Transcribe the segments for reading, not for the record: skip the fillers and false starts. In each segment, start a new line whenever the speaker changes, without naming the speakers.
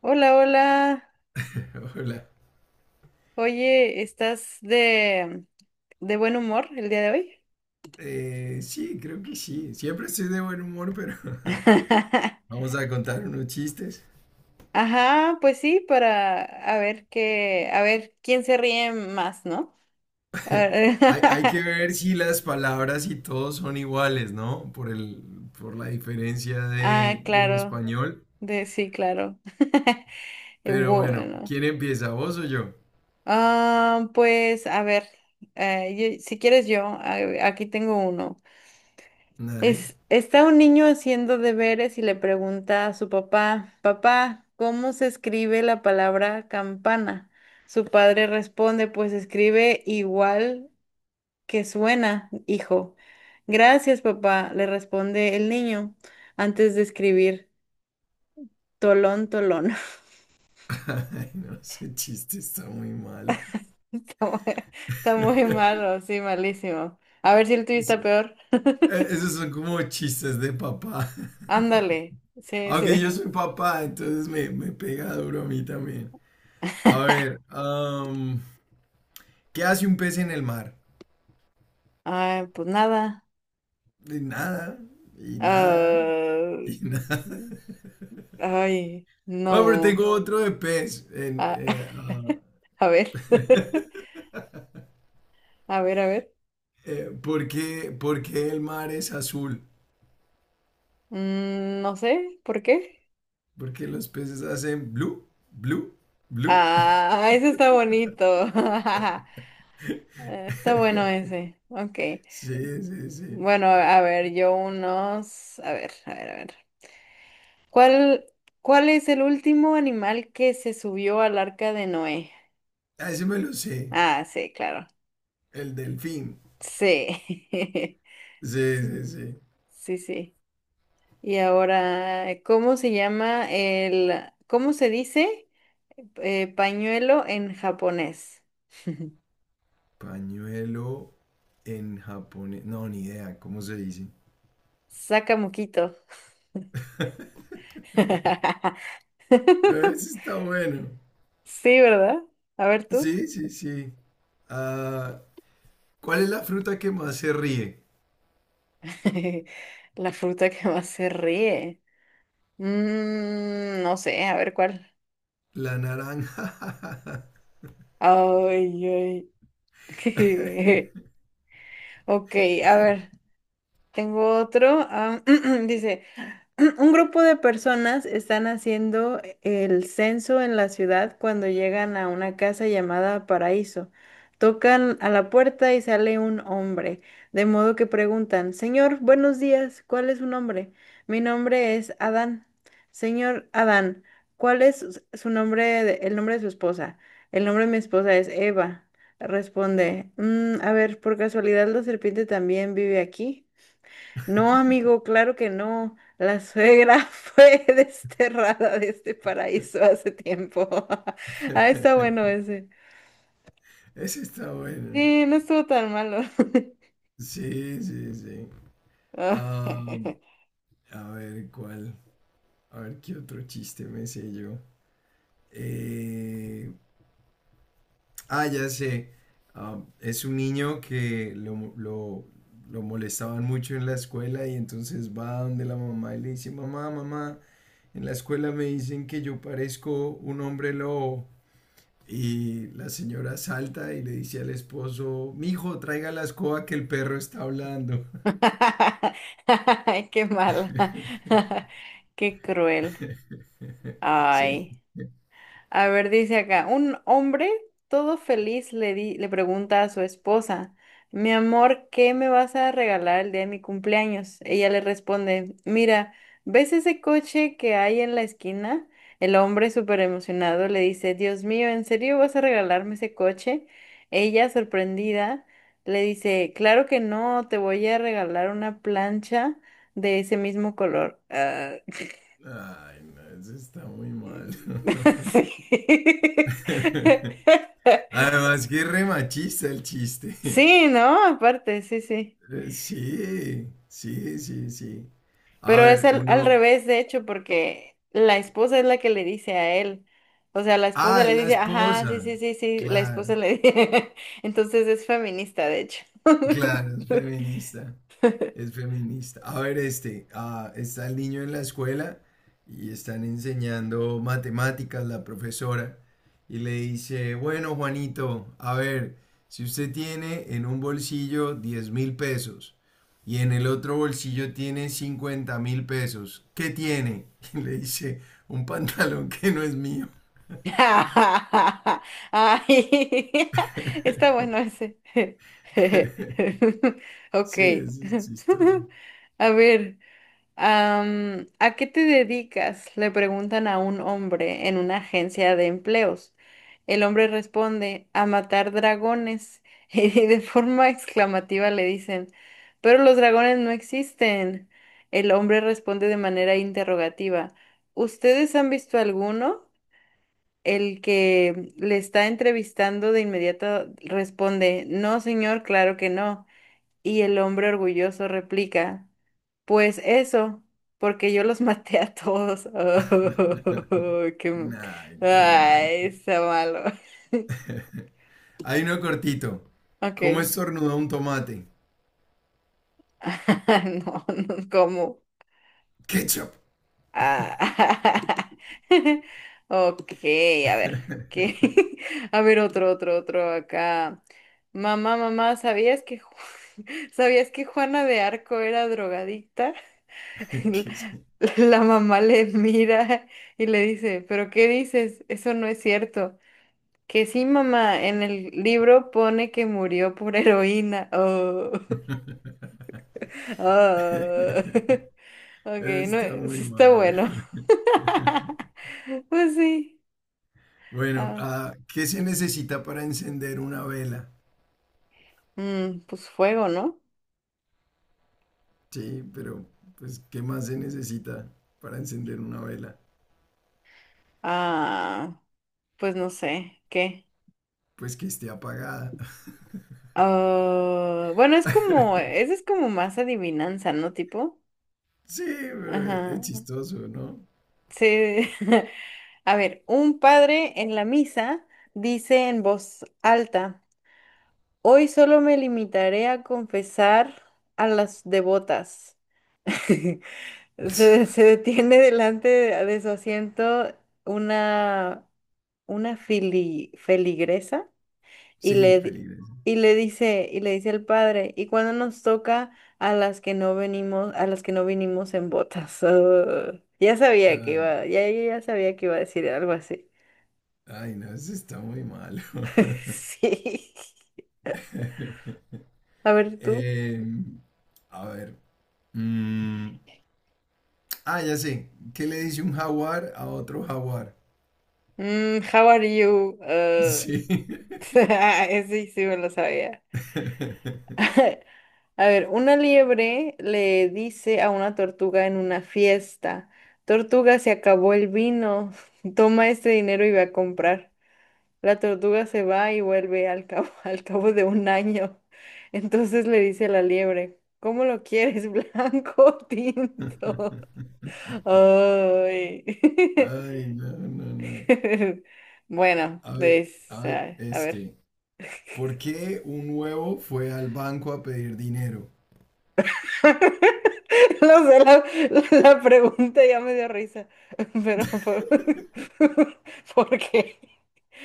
Hola, hola.
Hola.
Oye, ¿estás de buen humor el día de hoy?
Sí, creo que sí. Siempre estoy de buen humor, pero vamos a contar unos chistes.
Ajá, pues sí, para a ver qué, a ver quién se ríe más, ¿no? A ver,
Hay que ver si las palabras y todo son iguales, ¿no? Por la diferencia
ah,
del
claro,
español.
de sí, claro.
Pero bueno,
Bueno,
¿quién empieza, vos o yo?
pues a ver, si quieres yo, aquí tengo uno.
Dale.
Está un niño haciendo deberes y le pregunta a su papá, papá, ¿cómo se escribe la palabra campana? Su padre responde, pues se escribe igual que suena, hijo. Gracias, papá, le responde el niño antes de escribir tolón, tolón.
Ay, no, ese chiste está muy mal.
Está muy está muy malo, sí, malísimo. A ver si el tuyo
Sí,
está peor.
eh, Esos son como chistes de papá.
Ándale, sí,
Aunque yo
sí.
soy papá, entonces me pega duro a mí también. A ver, ¿qué hace un pez en el mar?
Ay, pues nada.
Y nada, y nada,
Ah,
y nada.
ay,
Bueno, pero
no.
tengo otro de pez.
A, a ver. A ver, a ver.
Por qué el mar es azul?
Mm, no sé, ¿por qué?
Porque los peces hacen blue, blue, blue.
Ah, ese está bonito. Está bueno ese. Ok.
Sí, sí, sí.
Bueno, a ver, yo unos. A ver, a ver, a ver. ¿Cuál, ¿cuál es el último animal que se subió al arca de Noé?
Ah, ese me lo sé.
Ah, sí, claro.
El delfín.
Sí.
Sí, sí,
Sí,
sí.
sí, sí. Y ahora, ¿cómo se dice pañuelo en japonés?
Pañuelo en japonés. No, ni idea. ¿Cómo se dice?
Sakamoquito.
Ese está bueno.
Sí, ¿verdad? A ver tú.
Sí, sí, sí. Ah, ¿cuál es la fruta que más se ríe?
La fruta que más se ríe. Mm, no sé, a ver cuál.
La naranja.
Ay, ay. Ok, a ver, tengo otro. Dice. Un grupo de personas están haciendo el censo en la ciudad cuando llegan a una casa llamada Paraíso. Tocan a la puerta y sale un hombre, de modo que preguntan, señor, buenos días, ¿cuál es su nombre? Mi nombre es Adán. Señor Adán, ¿cuál es su nombre, el nombre de su esposa? El nombre de mi esposa es Eva. Responde, "Mm, a ver, por casualidad la serpiente también vive aquí. No, amigo, claro que no. La suegra fue desterrada de este paraíso hace tiempo". Ah, está bueno ese.
Ese está bueno.
Sí, no estuvo tan malo.
Sí, sí, sí.
Ah.
Ah, a ver, ¿cuál? A ver, ¿qué otro chiste me sé yo? Eh, ya sé. Ah, es un niño que lo molestaban mucho en la escuela y entonces va donde la mamá y le dice, mamá, mamá, en la escuela me dicen que yo parezco un hombre lobo. Y la señora salta y le dice al esposo, mijo, traiga la escoba que el perro está hablando.
Ay, qué mala. Qué cruel.
Sí.
Ay. A ver, dice acá, un hombre todo feliz le pregunta a su esposa, mi amor, ¿qué me vas a regalar el día de mi cumpleaños? Ella le responde, mira, ¿ves ese coche que hay en la esquina? El hombre súper emocionado le dice, Dios mío, ¿en serio vas a regalarme ese coche? Ella, sorprendida, le dice, claro que no, te voy a regalar una plancha de ese mismo color. Ah,
Ay, no, eso está muy mal.
sí. Sí,
Además que es re machista el chiste.
sí, ¿no? Aparte, sí, sí.
Sí, sí, sí, sí. A
Pero es
ver,
al, al
uno...
revés, de hecho, porque la esposa es la que le dice a él. O sea, la esposa
Ah,
le
es la
dice, ajá,
esposa.
sí, sí, sí, sí, la
Claro,
esposa le dice. Entonces es feminista, de hecho.
claro, es feminista. Es feminista. A ver, está el niño en la escuela y están enseñando matemáticas la profesora y le dice, bueno, Juanito, a ver, si usted tiene en un bolsillo 10.000 pesos y en el otro bolsillo tiene 50.000 pesos, ¿qué tiene? Y le dice, un pantalón que no es mío.
Ay, está bueno ese. Ok.
Sí, eso es chistoso.
A ver. ¿A qué te dedicas? Le preguntan a un hombre en una agencia de empleos. El hombre responde, a matar dragones. Y de forma exclamativa le dicen, pero los dragones no existen. El hombre responde de manera interrogativa, ¿ustedes han visto alguno? El que le está entrevistando de inmediato responde, no, señor, claro que no. Y el hombre orgulloso replica. Pues eso, porque yo los maté a todos. Oh, qué...
Nah, qué mal.
ay, está malo.
Hay uno cortito. ¿Cómo
Ok.
estornuda un tomate?
No, no, ¿cómo?
Ketchup.
Ah. Ok, a ver. ¿Qué? A ver, otro, otro, otro acá. Mamá, mamá, ¿sabías que Juana de Arco era drogadicta? La
Ketchup.
la mamá le mira y le dice, ¿pero qué dices? Eso no es cierto. Que sí, mamá, en el libro pone que murió por heroína. Oh, oh. Ok, no,
Está muy
sí está
mal.
bueno. Pues sí.
Bueno,
Ah,
ah, ¿qué se necesita para encender una vela?
mm, pues fuego, ¿no?
Sí, pero pues ¿qué más se necesita para encender una vela?
Ah, pues no sé, ¿qué?
Pues que esté apagada.
Ah, bueno, es como, ese es como más adivinanza, ¿no? Tipo.
Sí, pero
Ajá.
es chistoso, ¿no?
Sí. A ver, un padre en la misa dice en voz alta. Hoy solo me limitaré a confesar a las devotas. Se detiene delante de su asiento una, una feligresa y
Sí,
le, di-
Felipe.
y le dice el padre, ¿y cuando nos toca a las que no venimos, a las que no vinimos en botas? Ah, ya sabía que
Ah,
iba, ya ya sabía que iba a decir algo así.
ay, no, eso está muy malo.
Sí. A ver tú.
Eh, a ver. mm, ya sé. ¿Qué le dice un jaguar a otro jaguar?
Mm, how are you?
Sí.
Sí, sí, me lo sabía. A ver, una liebre le dice a una tortuga en una fiesta, tortuga, se acabó el vino, toma este dinero y ve a comprar. La tortuga se va y vuelve al cabo, al cabo de un año. Entonces le dice la liebre, ¿cómo lo quieres, blanco o tinto? Ay.
Ay, no, no, no.
Bueno,
A ver,
pues,
a ver,
a ver.
este. ¿Por qué un huevo fue al banco a pedir dinero?
No sé, la pregunta ya me dio risa, pero ¿por qué?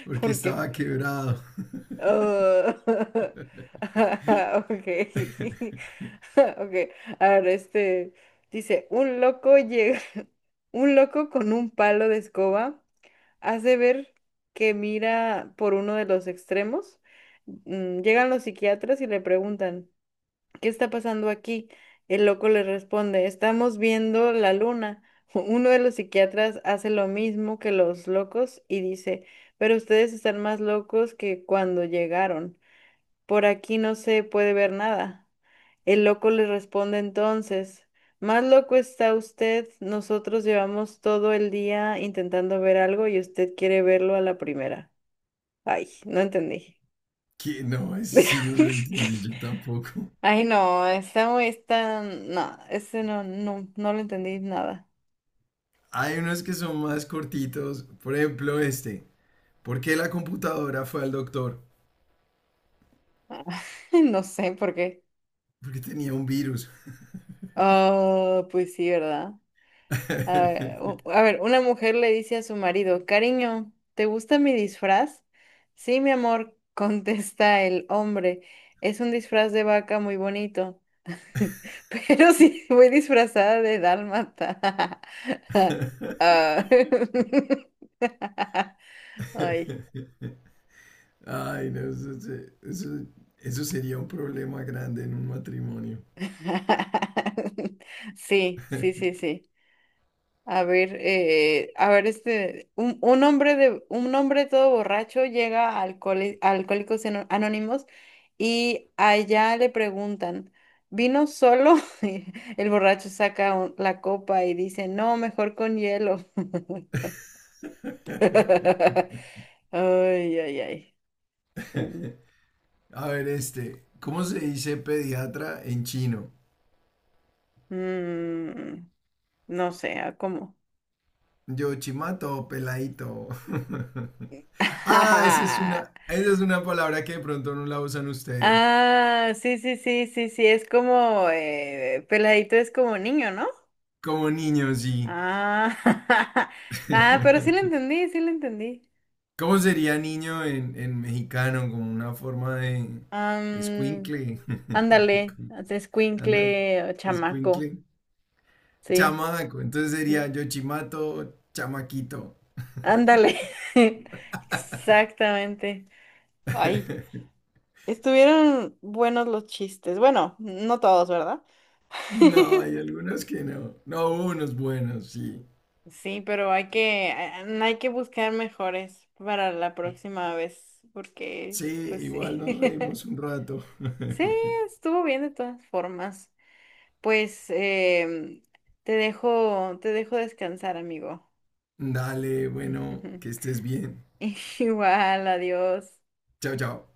Porque
¿Por qué?
estaba quebrado.
Oh, ah, ok, ok. A ver, este dice, un loco llega, un loco con un palo de escoba hace ver que mira por uno de los extremos. Mm, llegan los psiquiatras y le preguntan. ¿Qué está pasando aquí? El loco le responde, estamos viendo la luna. Uno de los psiquiatras hace lo mismo que los locos y dice, pero ustedes están más locos que cuando llegaron. Por aquí no se puede ver nada. El loco le responde entonces, más loco está usted, nosotros llevamos todo el día intentando ver algo y usted quiere verlo a la primera. Ay, no entendí.
Que no, ese sí no lo entendí yo tampoco.
Ay, no, está muy, está, no, ese no, no, no lo entendí nada.
Hay unos que son más cortitos. Por ejemplo, este. ¿Por qué la computadora fue al doctor?
No sé por qué.
Porque tenía un virus.
Ah, pues sí, ¿verdad? A ver, a ver, una mujer le dice a su marido, cariño, ¿te gusta mi disfraz? Sí, mi amor, contesta el hombre, es un disfraz de vaca muy bonito, pero sí, voy disfrazada de dálmata. Ah. Ay.
Ay, no, eso, se- eso- eso sería un problema grande en un matrimonio.
Sí, sí, sí, sí. A ver, este, un hombre todo borracho llega a a Anónimos y allá le preguntan, ¿vino solo? Y el borracho saca la copa y dice, no, mejor con hielo. Ay, ay, ay. Mm,
A ver, este, ¿cómo se dice pediatra en chino?
mm, no sé, ¿a ¿cómo?
Yo chimato, peladito. Ah, esa es una palabra que de pronto no la usan ustedes.
Ah, sí, sí, sí, sí, sí, es como, peladito es como niño, ¿no?
Como niños, sí.
Ah, ah, pero sí lo entendí, sí lo entendí.
¿Cómo sería niño en mexicano? Como una forma de
Am,
escuincle.
ándale,
Ándale,
escuincle, chamaco,
escuincle.
sí.
Chamaco, entonces sería Yochimato, chamaquito.
Ándale, exactamente. Ay, estuvieron buenos los chistes. Bueno, no todos, ¿verdad?
No, hay algunos que no. No, hubo unos buenos, sí.
Sí, pero hay que buscar mejores para la próxima vez, porque,
Sí,
pues
igual
sí.
nos reímos un rato.
Sí, estuvo bien de todas formas. Pues te dejo descansar, amigo.
Dale, bueno, que estés bien.
Igual, adiós.
Chao, chao.